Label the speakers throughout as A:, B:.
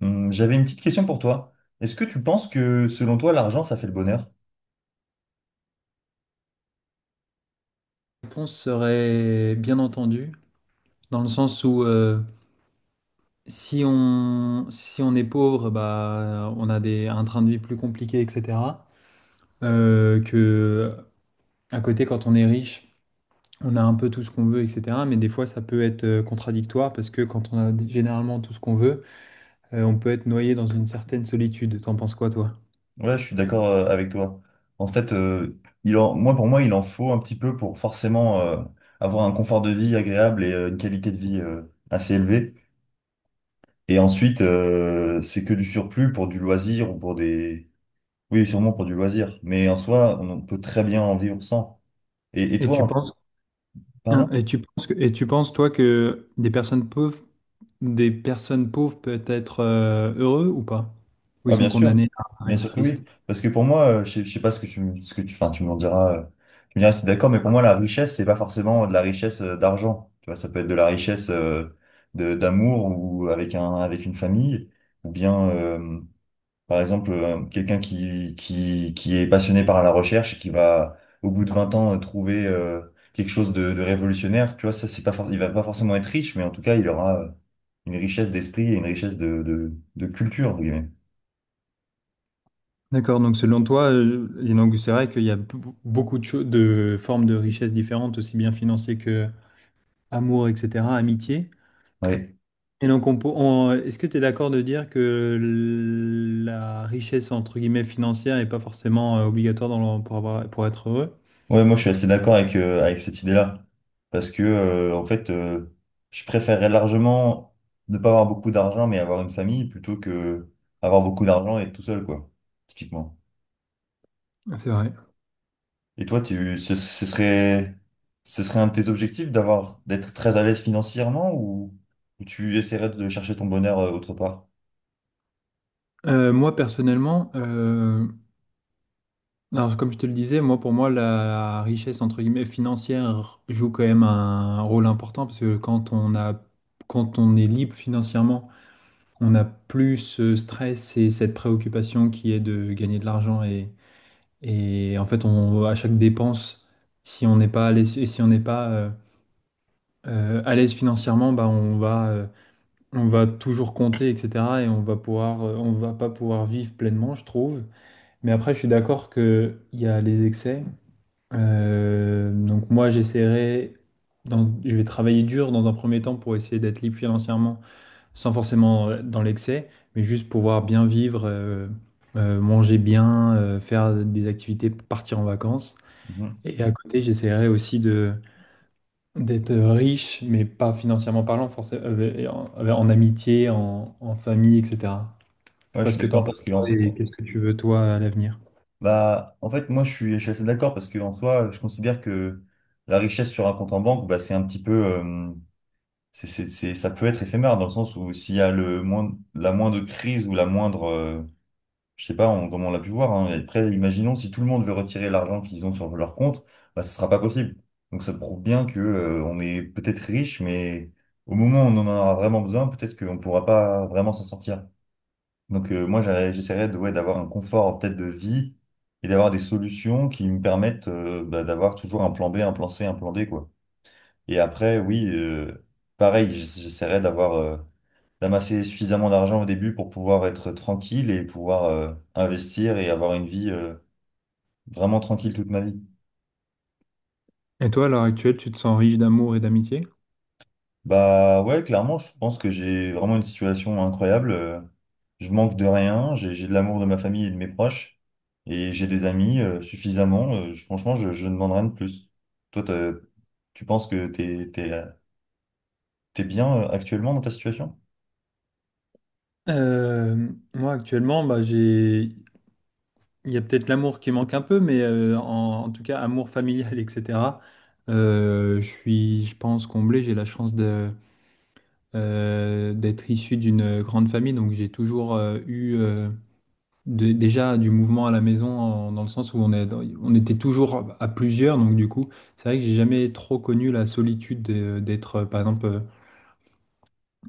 A: J'avais une petite question pour toi. Est-ce que tu penses que selon toi, l'argent, ça fait le bonheur?
B: Réponse serait bien entendu, dans le sens où si on est pauvre, bah, on a un train de vie plus compliqué, etc. Que à côté, quand on est riche, on a un peu tout ce qu'on veut, etc. Mais des fois, ça peut être contradictoire parce que quand on a généralement tout ce qu'on veut, on peut être noyé dans une certaine solitude. T'en penses quoi, toi?
A: Ouais, je suis d'accord avec toi. En fait, moi, pour moi, il en faut un petit peu pour forcément avoir un confort de vie agréable et une qualité de vie assez élevée. Et ensuite, c'est que du surplus pour du loisir ou pour des. Oui, sûrement pour du loisir. Mais en soi, on peut très bien en vivre sans. Et
B: Et tu
A: toi,
B: penses, hein,
A: pardon?
B: et tu penses que- et tu penses, toi, que des personnes pauvres peuvent être heureux ou pas? Ou ils
A: Ah,
B: sont condamnés à
A: bien
B: être
A: sûr que
B: tristes?
A: oui. Parce que pour moi, je sais pas ce que ce que tu, enfin, tu m'en diras, tu me diras si t'es d'accord, mais pour moi, la richesse, c'est pas forcément de la richesse d'argent. Tu vois, ça peut être de la richesse d'amour ou avec une famille, ou bien, par exemple, quelqu'un qui est passionné par la recherche, et qui va, au bout de 20 ans, trouver quelque chose de révolutionnaire. Tu vois, ça, c'est pas, il va pas forcément être riche, mais en tout cas, il aura une richesse d'esprit et une richesse de culture, entre guillemets.
B: D'accord, donc selon toi, et donc c'est vrai qu'il y a beaucoup de formes de richesse différentes, aussi bien financières que amour, etc., amitié.
A: Oui.
B: Et donc, est-ce que tu es d'accord de dire que la richesse, entre guillemets, financière n'est pas forcément obligatoire dans pour avoir, pour être heureux?
A: Ouais, moi je suis assez d'accord avec cette idée-là. Parce que, en fait, je préférerais largement ne pas avoir beaucoup d'argent, mais avoir une famille, plutôt que avoir beaucoup d'argent et être tout seul, quoi, typiquement.
B: C'est vrai.
A: Et toi, tu, ce, ce serait un de tes objectifs d'avoir, d'être très à l'aise financièrement ou tu essaierais de chercher ton bonheur autre part?
B: Moi, personnellement, alors, comme je te le disais, moi, pour moi, la richesse, entre guillemets, financière joue quand même un rôle important parce que quand on est libre financièrement, on n'a plus ce stress et cette préoccupation qui est de gagner de l'argent et en fait, on, à chaque dépense, si on n'est pas à l'aise, et si on n'est pas à l'aise financièrement, bah, on va toujours compter, etc. et on va pouvoir, on va pas pouvoir vivre pleinement, je trouve. Mais après, je suis d'accord qu'il y a les excès. Donc moi, j'essaierai, je vais travailler dur dans un premier temps pour essayer d'être libre financièrement, sans forcément dans l'excès, mais juste pouvoir bien vivre, manger bien, faire des activités, partir en vacances.
A: Mhm.
B: Et à côté, j'essaierai aussi de d'être riche, mais pas financièrement parlant, forcément, en amitié, en famille, etc. Je sais
A: Ouais, je
B: pas
A: suis
B: ce que t'en
A: d'accord
B: penses
A: parce que
B: toi, et qu'est-ce que tu veux toi à l'avenir.
A: bah, en fait, moi, je suis assez d'accord parce que en soi, je considère que la richesse sur un compte en banque, bah, c'est un petit peu, ça peut être éphémère dans le sens où s'il y a le moindre, la moindre crise ou la moindre, je sais pas, comme on l'a pu voir, hein, et après, imaginons si tout le monde veut retirer l'argent qu'ils ont sur leur compte, bah, ce sera pas possible. Donc ça prouve bien que, on est peut-être riche, mais au moment où on en aura vraiment besoin, peut-être qu'on pourra pas vraiment s'en sortir. Donc moi, j'essaierais de, ouais, d'avoir un confort peut-être de vie et d'avoir des solutions qui me permettent, bah, d'avoir toujours un plan B, un plan C, un plan D, quoi. Et après, oui, pareil, j'essaierai d'avoir, d'amasser suffisamment d'argent au début pour pouvoir être tranquille et pouvoir, investir et avoir une vie, vraiment tranquille toute ma vie.
B: Et toi, à l'heure actuelle, tu te sens riche d'amour et d'amitié?
A: Bah ouais, clairement, je pense que j'ai vraiment une situation incroyable. Je manque de rien, j'ai de l'amour de ma famille et de mes proches, et j'ai des amis suffisamment. Franchement, je ne demande rien de plus. Toi, tu penses que t'es bien actuellement dans ta situation?
B: Euh, Moi actuellement, bah, j'ai... il y a peut-être l'amour qui manque un peu, mais en tout cas, amour familial, etc. Je suis, je pense, comblé. J'ai la chance de, d'être issu d'une grande famille, donc j'ai toujours eu déjà du mouvement à la maison, dans le sens où on était toujours à plusieurs, donc du coup, c'est vrai que j'ai jamais trop connu la solitude d'être, par exemple. euh,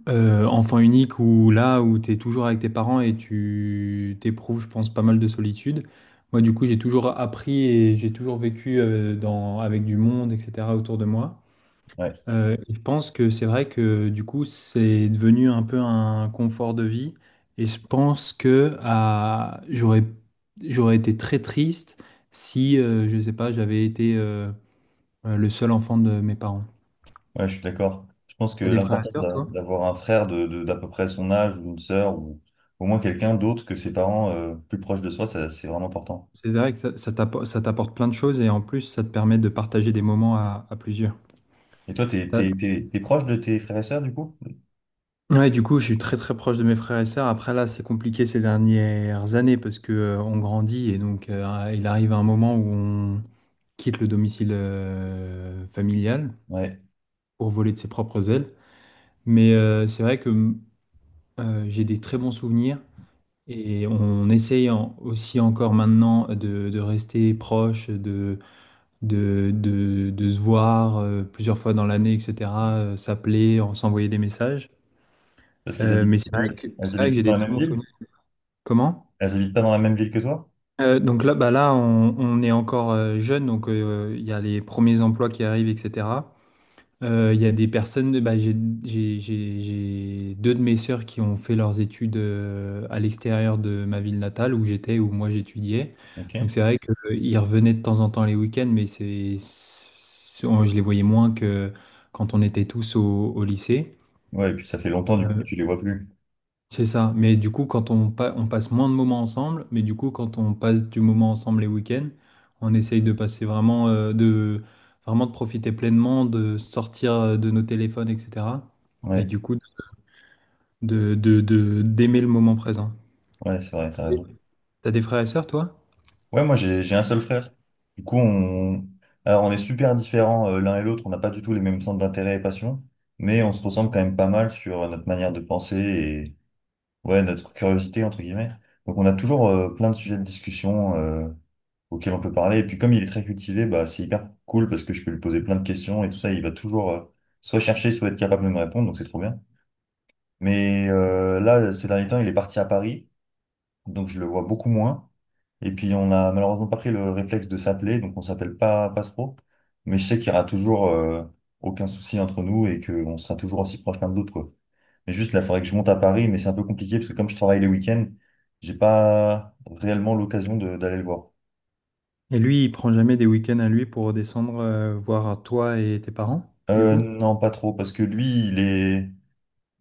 B: Euh, Enfant unique ou là où tu es toujours avec tes parents et tu t'éprouves, je pense, pas mal de solitude. Moi, du coup, j'ai toujours appris et j'ai toujours vécu avec du monde, etc., autour de moi.
A: Ouais.
B: Et je pense que c'est vrai que du coup, c'est devenu un peu un confort de vie. Et je pense que j'aurais été très triste si, je sais pas, j'avais été le seul enfant de mes parents.
A: Ouais, je suis d'accord. Je pense que
B: T'as des frères et
A: l'importance
B: sœurs, toi?
A: d'avoir un frère d'à peu près son âge ou une sœur ou au moins quelqu'un d'autre que ses parents plus proche de soi, ça, c'est vraiment important.
B: C'est vrai que ça, ça t'apporte plein de choses et en plus, ça te permet de partager des moments à plusieurs.
A: Et toi,
B: T'as-
A: t'es proche de tes frères et sœurs du coup?
B: Ouais, du coup, je suis très très proche de mes frères et sœurs. Après, là, c'est compliqué ces dernières années parce que on grandit et donc il arrive un moment où on quitte le domicile familial
A: Ouais,
B: pour voler de ses propres ailes. Mais c'est vrai que j'ai des très bons souvenirs et on essaye aussi encore maintenant de rester proche, de se voir plusieurs fois dans l'année, etc., s'appeler, en s'envoyer des messages.
A: parce qu'ils habitent
B: Mais
A: plus,
B: c'est
A: elles
B: vrai
A: habitent
B: que
A: plus
B: j'ai
A: dans
B: des
A: la
B: très
A: même
B: bons
A: ville?
B: souvenirs. Comment?
A: Elles habitent pas dans la même ville que toi?
B: Donc là, bah là on est encore jeune, donc il y a les premiers emplois qui arrivent, etc. Il y a des personnes, bah, j'ai deux de mes sœurs qui ont fait leurs études à l'extérieur de ma ville natale où j'étais, où moi j'étudiais. Donc
A: Ok.
B: c'est vrai qu'ils revenaient de temps en temps les week-ends, mais je les voyais moins que quand on était tous au lycée.
A: Ouais, et puis ça fait longtemps du coup que
B: Euh,
A: tu les vois plus.
B: c'est ça. Mais du coup, on passe moins de moments ensemble, mais du coup, quand on passe du moment ensemble les week-ends, on essaye de passer vraiment, vraiment de profiter pleinement, de sortir de nos téléphones, etc. Et du
A: Ouais,
B: coup, d'aimer le moment présent.
A: ouais, c'est vrai, t'as raison.
B: T'as des frères et sœurs, toi?
A: Ouais, moi j'ai un seul frère. Du coup, alors on est super différents l'un et l'autre, on n'a pas du tout les mêmes centres d'intérêt et passions, mais on se ressemble quand même pas mal sur notre manière de penser et ouais, notre curiosité, entre guillemets. Donc on a toujours plein de sujets de discussion auxquels on peut parler. Et puis comme il est très cultivé, bah, c'est hyper cool parce que je peux lui poser plein de questions et tout ça, il va toujours soit chercher, soit être capable de me répondre, donc c'est trop bien. Mais là, ces derniers temps, il est parti à Paris donc je le vois beaucoup moins. Et puis on a malheureusement pas pris le réflexe de s'appeler, donc on s'appelle pas, pas trop. Mais je sais qu'il y aura toujours aucun souci entre nous et qu'on sera toujours aussi proches l'un de l'autre, quoi. Mais juste là, il faudrait que je monte à Paris, mais c'est un peu compliqué parce que comme je travaille les week-ends, j'ai pas réellement l'occasion d'aller le voir.
B: Et lui, il prend jamais des week-ends à lui pour redescendre voir toi et tes parents, du coup?
A: Non, pas trop, parce que lui, il est.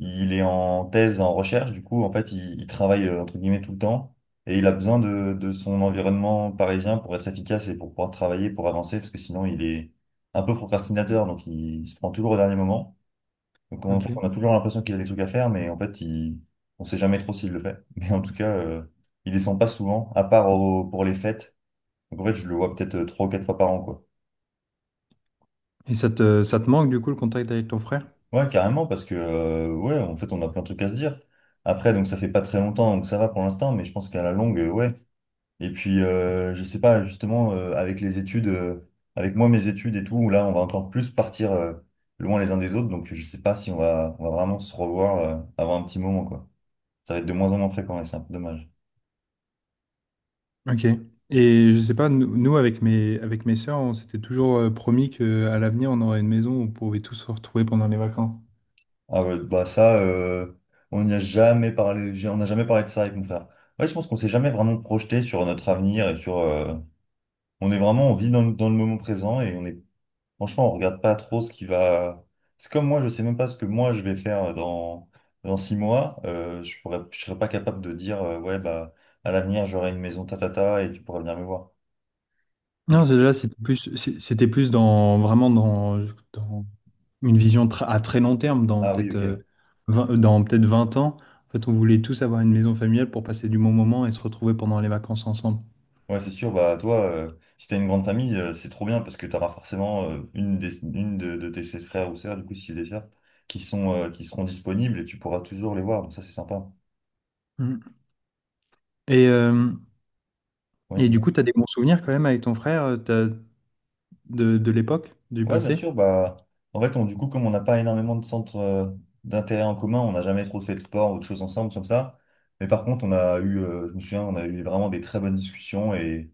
A: Il est en thèse, en recherche, du coup, en fait, il travaille entre guillemets tout le temps et il a besoin de son environnement parisien pour être efficace et pour pouvoir travailler, pour avancer, parce que sinon, il est un peu procrastinateur, donc se prend toujours au dernier moment. Donc, en fait,
B: Ok.
A: on a toujours l'impression qu'il a des trucs à faire, mais en fait, on sait jamais trop s'il le fait. Mais en tout cas, il descend pas souvent, à part pour les fêtes. Donc, en fait, je le vois peut-être trois ou quatre fois par an, quoi.
B: Et ça te manque, du coup, le contact avec ton frère?
A: Ouais, carrément, parce que, ouais, en fait, on a plein de trucs à se dire. Après, donc, ça fait pas très longtemps, donc ça va pour l'instant, mais je pense qu'à la longue, ouais. Et puis, je sais pas, justement, avec les études, avec moi, mes études et tout, là, on va encore plus partir, loin les uns des autres, donc je sais pas si on va vraiment se revoir, avant un petit moment, quoi. Ça va être de moins en moins fréquent et c'est un peu dommage.
B: Ok. Et je sais pas, avec avec mes sœurs, on s'était toujours promis qu'à l'avenir, on aurait une maison où on pouvait tous se retrouver pendant les vacances.
A: Ah ouais, bah ça, on n'y a jamais parlé, on n'a jamais parlé de ça avec mon frère. Ouais, je pense qu'on s'est jamais vraiment projeté sur notre avenir et sur, on est vraiment, on vit dans le moment présent et on est, franchement, on regarde pas trop ce qui va. C'est comme moi, je sais même pas ce que moi je vais faire dans, 6 mois. Je serais pas capable de dire, ouais, bah, à l'avenir, j'aurai une maison tatata et tu pourras venir me voir. Mais du
B: Non,
A: coup,
B: là, c'était plus dans une vision à très long terme, dans
A: ah oui,
B: peut-être
A: ok.
B: 20, dans peut-être 20 ans. En fait, on voulait tous avoir une maison familiale pour passer du bon moment et se retrouver pendant les vacances ensemble.
A: Ouais, c'est sûr, bah, toi, si t'as une grande famille, c'est trop bien parce que t'auras forcément une de tes sept frères ou sœurs, du coup, si c'est des sœurs, qui sont, qui seront disponibles et tu pourras toujours les voir. Donc, ça, c'est sympa.
B: Mm. Et, euh,
A: Ouais,
B: et
A: dis
B: du coup, tu as des bons souvenirs quand même avec ton frère de l'époque, du
A: Ouais, bien sûr.
B: passé?
A: Bah, en fait, du coup, comme on n'a pas énormément de centres d'intérêt en commun, on n'a jamais trop fait de sport ou de choses ensemble comme ça. Mais par contre, on a eu, je me souviens, on a eu vraiment des très bonnes discussions et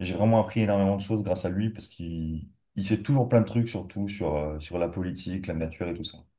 A: j'ai vraiment appris énormément de choses grâce à lui parce qu'il sait toujours plein de trucs, surtout sur, sur la politique, la nature et tout ça.